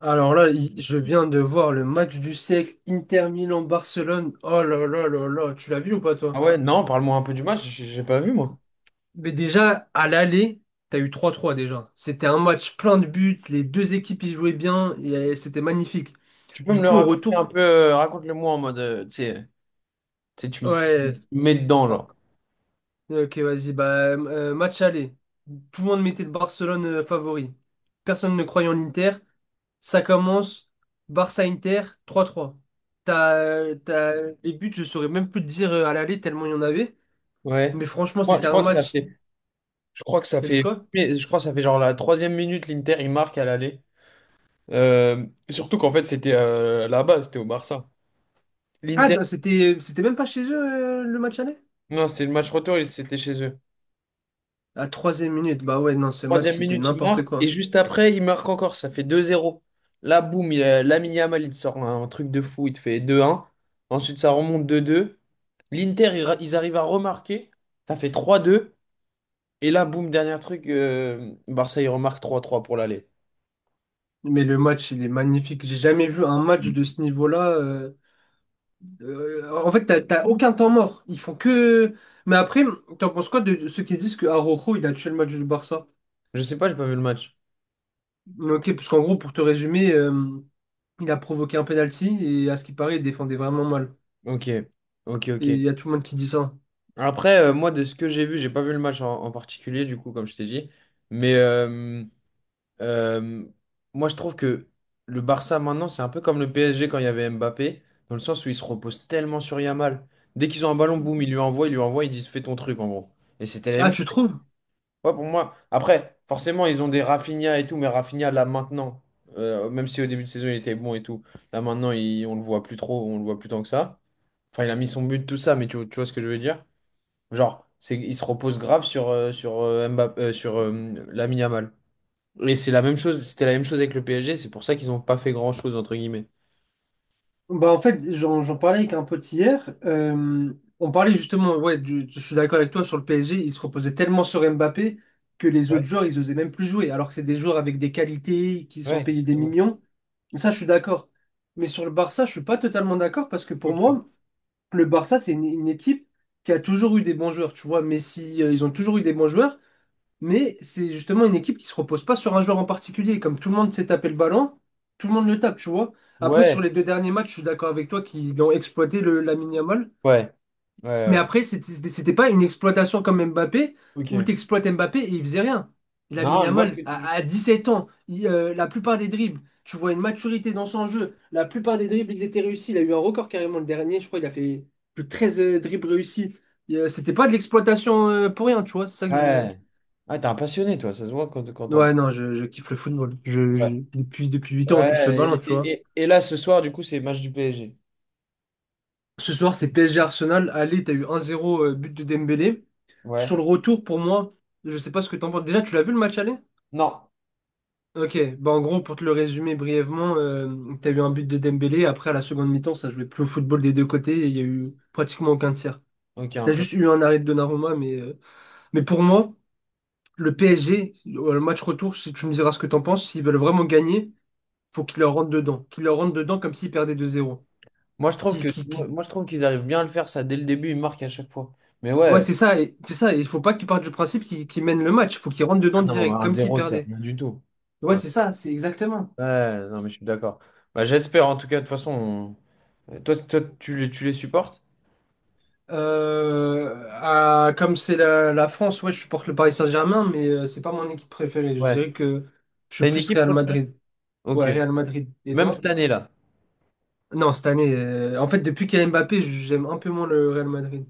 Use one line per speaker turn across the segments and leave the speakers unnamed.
Alors là, je viens de voir le match du siècle, Inter Milan-Barcelone. Oh là là là là, tu l'as vu ou pas
Ah
toi?
ouais, non, parle-moi un peu du match, j'ai pas vu moi.
Mais déjà, à l'aller, t'as eu trois trois déjà. C'était un match plein de buts, les deux équipes y jouaient bien, et c'était magnifique.
Tu peux me
Du
le Ah,
coup, au
raconter un
retour,
peu, Raconte-le-moi en mode, tu sais, tu
ouais,
me mets dedans, genre.
ok, vas-y. Bah, match aller. Tout le monde mettait le Barcelone favori. Personne ne croyait en Inter. Ça commence. Barça-Inter, trois trois. T'as. Les buts, je saurais même plus te dire à l'aller tellement il y en avait.
Ouais.
Mais franchement,
Moi,
c'était un match. T'as dit quoi?
je crois que ça fait genre la troisième minute, l'Inter, il marque à l'aller. Surtout qu'en fait, c'était là-bas, c'était au Barça.
Ah,
L'Inter,
non, c'était même pas chez eux le match aller?
non, c'est le match retour, c'était chez eux.
À troisième minute. Bah ouais, non, ce match,
Troisième
c'était
minute, il
n'importe
marque, et
quoi.
juste après, il marque encore, ça fait deux zéro. Là, boum, Lamine Yamal, il te sort un truc de fou, il te fait deux un. Ensuite, ça remonte deux deux. L'Inter, ils arrivent à remarquer. Ça fait trois deux. Et là, boum, dernier truc, Barça, ils remarquent trois trois pour l'aller.
Mais le match, il est magnifique. J'ai jamais vu un match de ce niveau-là. En fait, t'as aucun temps mort. Ils font que. Mais après, t'en penses quoi de ceux qui disent que Araujo, il a tué le match du Barça?
Je sais pas, j'ai pas vu le match.
Ok, parce qu'en gros, pour te résumer, il a provoqué un penalty et à ce qui paraît, il défendait vraiment mal.
Ok, ok,
Et
ok.
il y a tout le monde qui dit ça.
Après, moi, de ce que j'ai vu, j'ai pas vu le match en particulier, du coup, comme je t'ai dit. Mais euh, moi, je trouve que le Barça, maintenant, c'est un peu comme le PSG quand il y avait Mbappé, dans le sens où ils se reposent tellement sur Yamal. Dès qu'ils ont un ballon, boum, ils lui envoient, ils lui envoient, ils disent fais ton truc, en gros. Et c'était la
Ah,
même chose.
tu trouves?
Ouais, pour moi. Après, forcément, ils ont des Rafinha et tout, mais Rafinha, là, maintenant, même si au début de saison, il était bon et tout, là, maintenant, on le voit plus trop, on le voit plus tant que ça. Enfin, il a mis son but, tout ça, mais tu vois ce que je veux dire? Genre, c'est, il se repose grave sur, sur, Mbappé, sur Lamine Yamal. Et c'est la même chose, c'était la même chose avec le PSG, c'est pour ça qu'ils n'ont pas fait grand-chose, entre guillemets.
Bah en fait, j'en parlais avec un pote hier. On parlait justement, ouais, je suis d'accord avec toi sur le PSG. Il se reposait tellement sur Mbappé que les autres
Ouais,
joueurs, ils osaient même plus jouer. Alors que c'est des joueurs avec des qualités, qui
ouais,
sont payés des
exactement.
millions. Ça, je suis d'accord. Mais sur le Barça, je suis pas totalement d'accord parce que pour
Ok.
moi, le Barça, c'est une équipe qui a toujours eu des bons joueurs. Tu vois, Messi, ils ont toujours eu des bons joueurs. Mais c'est justement une équipe qui se repose pas sur un joueur en particulier. Comme tout le monde s'est tapé le ballon, tout le monde le tape, tu vois. Après, sur
Ouais,
les deux derniers matchs, je suis d'accord avec toi qu'ils ont exploité le, Lamine Yamal.
ouais, ouais,
Mais
ouais.
après, c'était pas une exploitation comme Mbappé, où
Ok.
tu exploites Mbappé et il faisait rien. Lamine
Non, je vois ce
Yamal,
que
à,
tu...
à 17 ans, il, la plupart des dribbles, tu vois une maturité dans son jeu. La plupart des dribbles, ils étaient réussis. Il a eu un record carrément le dernier. Je crois qu'il a fait plus de 13 dribbles réussis. C'était pas de l'exploitation pour rien, tu vois. C'est ça que je.
Ouais. Ah, t'es un passionné, toi, ça se voit quand t'en...
Ouais, non, je kiffe le football. Depuis 8 ans, on touche le ballon,
Ouais,
tu
et, et-
vois.
et- et là, ce soir, du coup, c'est match du PSG.
Ce soir, c'est PSG Arsenal. Allez, t'as eu 1-0, but de Dembélé.
Ouais.
Sur le retour, pour moi, je sais pas ce que t'en penses. Déjà, tu l'as vu le match aller?
Non.
Ok, bah en gros, pour te le résumer brièvement, t'as eu un but de Dembélé. Après, à la seconde mi-temps, ça jouait plus au football des deux côtés et il y a eu pratiquement aucun tir.
Ok, un
T'as
peu.
juste eu un arrêt de Donnarumma, mais pour moi, le PSG, le match retour, si tu me diras ce que t'en penses, s'ils veulent vraiment gagner, faut qu'ils leur rentrent dedans. Qu'ils leur rentrent dedans comme s'ils perdaient 2-0. qui, qui, qui-
Moi, je trouve qu'ils arrivent bien à le faire, ça, dès le début, ils marquent à chaque fois. Mais
Ouais,
ouais.
c'est ça, c'est ça. Il faut pas qu'il parte du principe qu'il mène le match. Il faut qu'il rentre
Ah
dedans
non,
direct,
un
comme s'il
zéro, c'est
perdait.
rien du tout.
Ouais,
Un-
c'est ça, c'est exactement.
Ouais, non, mais je suis d'accord. Bah, j'espère, en tout cas, de toute façon. Toi, toi, tu les supportes?
Comme c'est la France, ouais, je supporte le Paris Saint-Germain, mais c'est pas mon équipe préférée. Je
Ouais.
dirais que je suis
T'as une
plus
équipe
Real
préférée?
Madrid.
Ok.
Ouais, Real Madrid. Et
Même
toi?
cette année-là.
Non, cette année, en fait, depuis qu'il y a Mbappé, j'aime un peu moins le Real Madrid.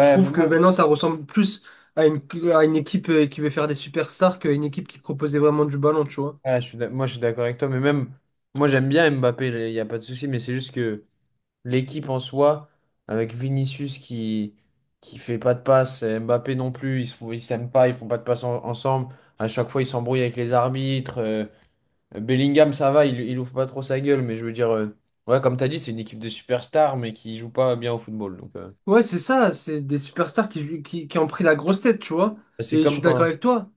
Je
bah
trouve que
moi,
maintenant, ça ressemble plus à une, à une équipe qui veut faire des superstars qu'à une équipe qui proposait vraiment du ballon, tu vois.
ouais, moi, je suis d'accord avec toi, mais même, moi, j'aime bien Mbappé, il n'y a pas de souci, mais c'est juste que. L'équipe en soi, avec Vinicius qui fait pas de passe, et Mbappé non plus, ils s'aiment pas, ils font pas de passe ensemble. À chaque fois, ils s'embrouillent avec les arbitres. Bellingham, ça va, il ouvre pas trop sa gueule, mais je veux dire, ouais, comme tu as dit, c'est une équipe de superstars, mais qui joue pas bien au football. Donc,
Ouais, c'est ça, c'est des superstars qui ont pris la grosse tête, tu vois.
ouais,
Et je suis d'accord avec toi.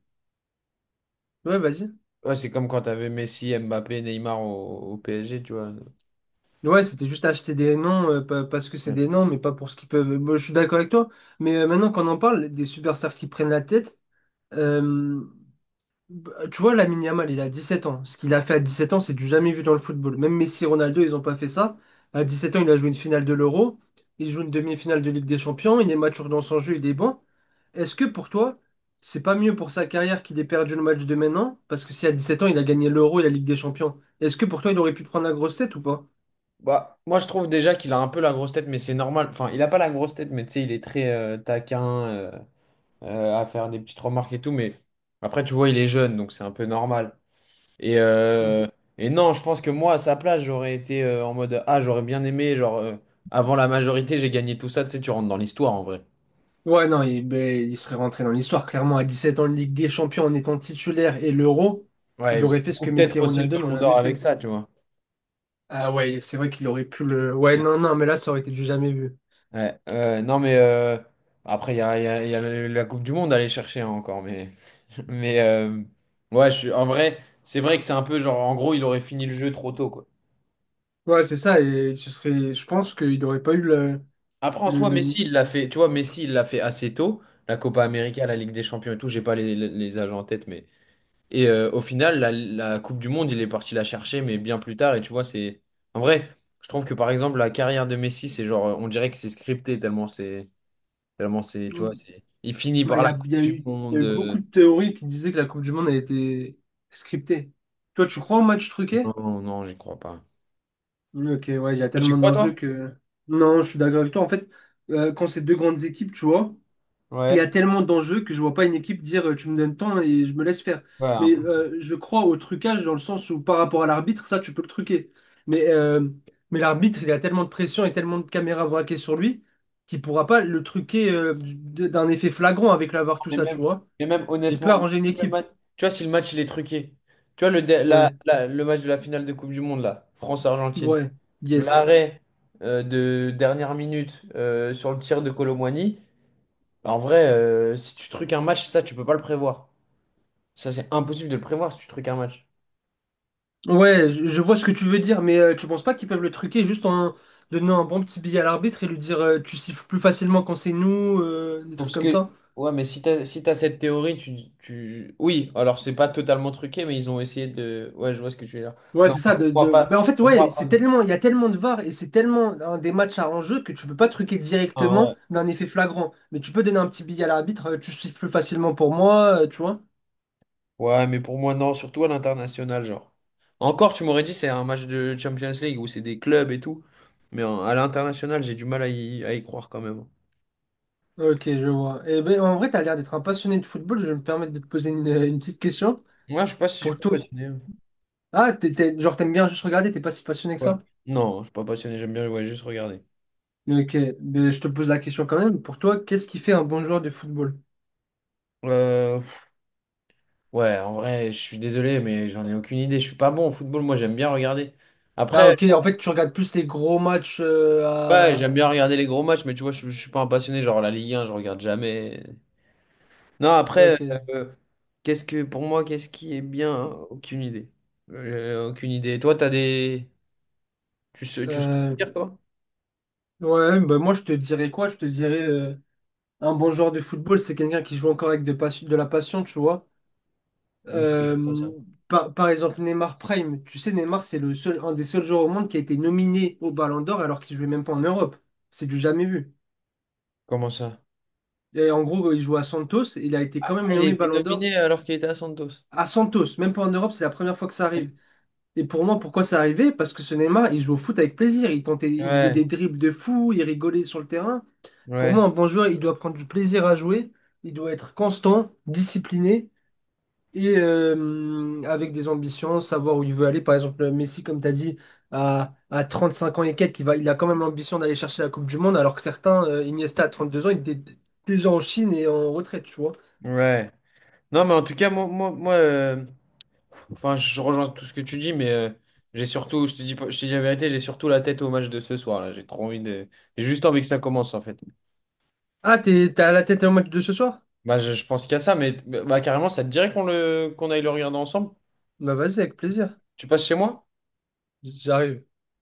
Ouais, vas-y.
ouais, c'est comme quand t'avais Messi, Mbappé, Neymar au PSG, tu vois.
Ouais, c'était juste acheter des noms parce que c'est
Ouais.
des noms, mais pas pour ce qu'ils peuvent. Bon, je suis d'accord avec toi. Mais maintenant qu'on en parle, des superstars qui prennent la tête, euh, bah, tu vois, Lamine Yamal, il a 17 ans. Ce qu'il a fait à 17 ans, c'est du jamais vu dans le football. Même Messi, Ronaldo, ils n'ont pas fait ça. À 17 ans, il a joué une finale de l'Euro. Il joue une demi-finale de Ligue des Champions. Il est mature dans son jeu, il est bon. Est-ce que pour toi, c'est pas mieux pour sa carrière qu'il ait perdu le match de maintenant? Parce que si à 17 ans, il a gagné l'Euro et la Ligue des Champions, est-ce que pour toi, il aurait pu prendre la grosse tête ou pas?
Bah, moi, je trouve déjà qu'il a un peu la grosse tête, mais c'est normal. Enfin, il a pas la grosse tête, mais tu sais, il est très taquin. À faire des petites remarques et tout, mais après, tu vois, il est jeune, donc c'est un peu normal. Et,
Mm.
euh, et non, je pense que moi, à sa place, j'aurais été en mode, ah, j'aurais bien aimé, genre, avant la majorité, j'ai gagné tout ça, tu sais, tu rentres dans l'histoire en vrai.
Ouais, non, ben, il serait rentré dans l'histoire. Clairement, à 17 ans, Ligue des Champions en étant titulaire et l'Euro, il
Ouais,
aurait fait ce
ou
que Messi
peut-être
et
aussi le
Ronaldo n'ont
Ballon
jamais
d'Or avec
fait.
ça, tu vois.
Ah ouais, c'est vrai qu'il aurait pu le. Ouais, non, non, mais là, ça aurait été du jamais vu.
Ouais, non, mais après, il y a la Coupe du Monde à aller chercher hein, encore, mais, mais ouais, je suis, en vrai, c'est vrai que c'est un peu genre, en gros, il aurait fini le jeu trop tôt, quoi.
Ouais, c'est ça, et ce serait. Je pense qu'il n'aurait pas eu le.
Après, en
le,
soi,
le...
Messi, il l'a fait, tu vois, Messi, il l'a fait assez tôt, la Copa América, la Ligue des Champions et tout, j'ai pas les âges en tête, mais... Et au final, la Coupe du Monde, il est parti la chercher, mais bien plus tard, et tu vois, c'est... En vrai, je trouve que, par exemple, la carrière de Messi, c'est genre, on dirait que c'est scripté, tellement c'est... Tellement c'est, tu vois, c'est... Il finit
Bah,
par la Coupe
il y a
du
eu, il y a
Monde...
eu beaucoup de théories qui disaient que la Coupe du Monde a été scriptée. Toi, tu crois au match truqué?
Non, non, j'y crois pas.
Oui, ok, ouais, il y a
Tu
tellement
crois,
d'enjeux
toi?
que. Non, je suis d'accord avec toi. En fait, quand c'est deux grandes équipes, tu vois, il y
Ouais,
a tellement d'enjeux que je vois pas une équipe dire tu me donnes temps et je me laisse faire.
ouais,
Mais
impossible.
je crois au trucage dans le sens où par rapport à l'arbitre, ça tu peux le truquer. Mais, euh, mais l'arbitre, il a tellement de pression et tellement de caméras braquées sur lui qu'il pourra pas le truquer d'un effet flagrant avec la VAR, tout
Et
ça, tu
même,
vois.
et même
Mais il peut
honnêtement,
arranger une
si le
équipe.
match- tu vois, si le match il est truqué, tu vois,
Ouais,
le match de la finale de Coupe du Monde, là, France-Argentine,
ouais, yes.
l'arrêt de dernière minute sur le tir de Colomboigny, bah, en vrai, si tu truques un match, ça, tu peux pas le prévoir. Ça, c'est impossible de le prévoir si tu truques un match.
Ouais, je vois ce que tu veux dire, mais tu penses pas qu'ils peuvent le truquer juste en donnant un bon petit billet à l'arbitre et lui dire tu siffles plus facilement quand c'est nous, des
Donc,
trucs
ce
comme
que...
ça?
Ouais, mais si t'as cette théorie, tu... Oui, alors c'est pas totalement truqué, mais ils ont essayé de... Ouais, je vois ce que tu veux dire.
Ouais,
Non,
c'est ça.
pour moi,
Bah, en
pas...
fait,
Pour
ouais,
moi, pas...
c'est tellement, il y a tellement de VAR et c'est tellement un des matchs à enjeu que tu peux pas truquer
Ah,
directement
ouais.
d'un effet flagrant. Mais tu peux donner un petit billet à l'arbitre, tu siffles plus facilement pour moi, tu vois.
Ouais, mais pour moi, non, surtout à l'international, genre. Encore, tu m'aurais dit, c'est un match de Champions League où c'est des clubs et tout. Mais à l'international, j'ai du mal à à y croire quand même.
Ok, je vois. Et ben, en vrai, t'as l'air d'être un passionné de football. Je vais me permettre de te poser une petite question.
Moi, je sais pas si je suis
Pour
pas
tout.
passionné.
Ah, genre, t'aimes bien juste regarder, t'es pas si passionné que
Ouais.
ça?
Non, je suis pas passionné, j'aime bien ouais, juste regarder.
Ok, ben, je te pose la question quand même. Pour toi, qu'est-ce qui fait un bon joueur de football?
Pff, ouais, en vrai, je suis désolé, mais j'en ai aucune idée. Je suis pas bon au football, moi, j'aime bien regarder.
Ah,
Après,
ok, en fait, tu regardes plus les gros matchs
ouais,
à.
j'aime bien regarder les gros matchs, mais tu vois, je suis pas un passionné. Genre, la Ligue 1, je regarde jamais. Non, après,
Ok.
euh, qu'est-ce que pour moi, qu'est-ce qui est bien? Hein, aucune idée. Aucune idée. Toi, t'as des. Tu sais
Euh,
dire quoi?
Ouais, bah moi je te dirais quoi? Je te dirais un bon joueur de football, c'est quelqu'un qui joue encore avec de, pas- de la passion, tu vois.
Comment
Euh,
ça?
par exemple, Neymar Prime, tu sais, Neymar, c'est le seul, un des seuls joueurs au monde qui a été nominé au Ballon d'Or alors qu'il jouait même pas en Europe. C'est du jamais vu.
Comment ça?
Et en gros, il joue à Santos, et il a été
Ah,
quand même
il a
nommé
été
Ballon d'Or
nominé alors qu'il était à Santos.
à Santos, même pas en Europe, c'est la première fois que ça
Ouais,
arrive. Et pour moi, pourquoi ça arrivait? Parce que ce Neymar, il jouait au foot avec plaisir, il tentait, il faisait des dribbles de fou, il rigolait sur le terrain. Pour moi, un
ouais,
bon joueur, il doit prendre du plaisir à jouer, il doit être constant, discipliné et avec des ambitions, savoir où il veut aller. Par exemple, Messi, comme tu as dit, à 35 ans et quelques, il a quand même l'ambition d'aller chercher la Coupe du Monde, alors que certains, Iniesta, à 32 ans, il était déjà en Chine et en retraite, tu vois.
ouais. Non, mais en tout cas, moi, enfin, je rejoins tout ce que tu dis, mais j'ai surtout, je te dis, pas- je te dis la vérité, j'ai surtout la tête au match de ce soir, là. J'ai trop envie de. J'ai juste envie que ça commence, en fait.
Ah, t'as la tête au match de ce soir?
Bah, je pense qu'il y a ça, mais carrément, ça te dirait qu'on aille le regarder ensemble?
Bah vas-y, avec plaisir.
Tu passes chez moi?
J'arrive.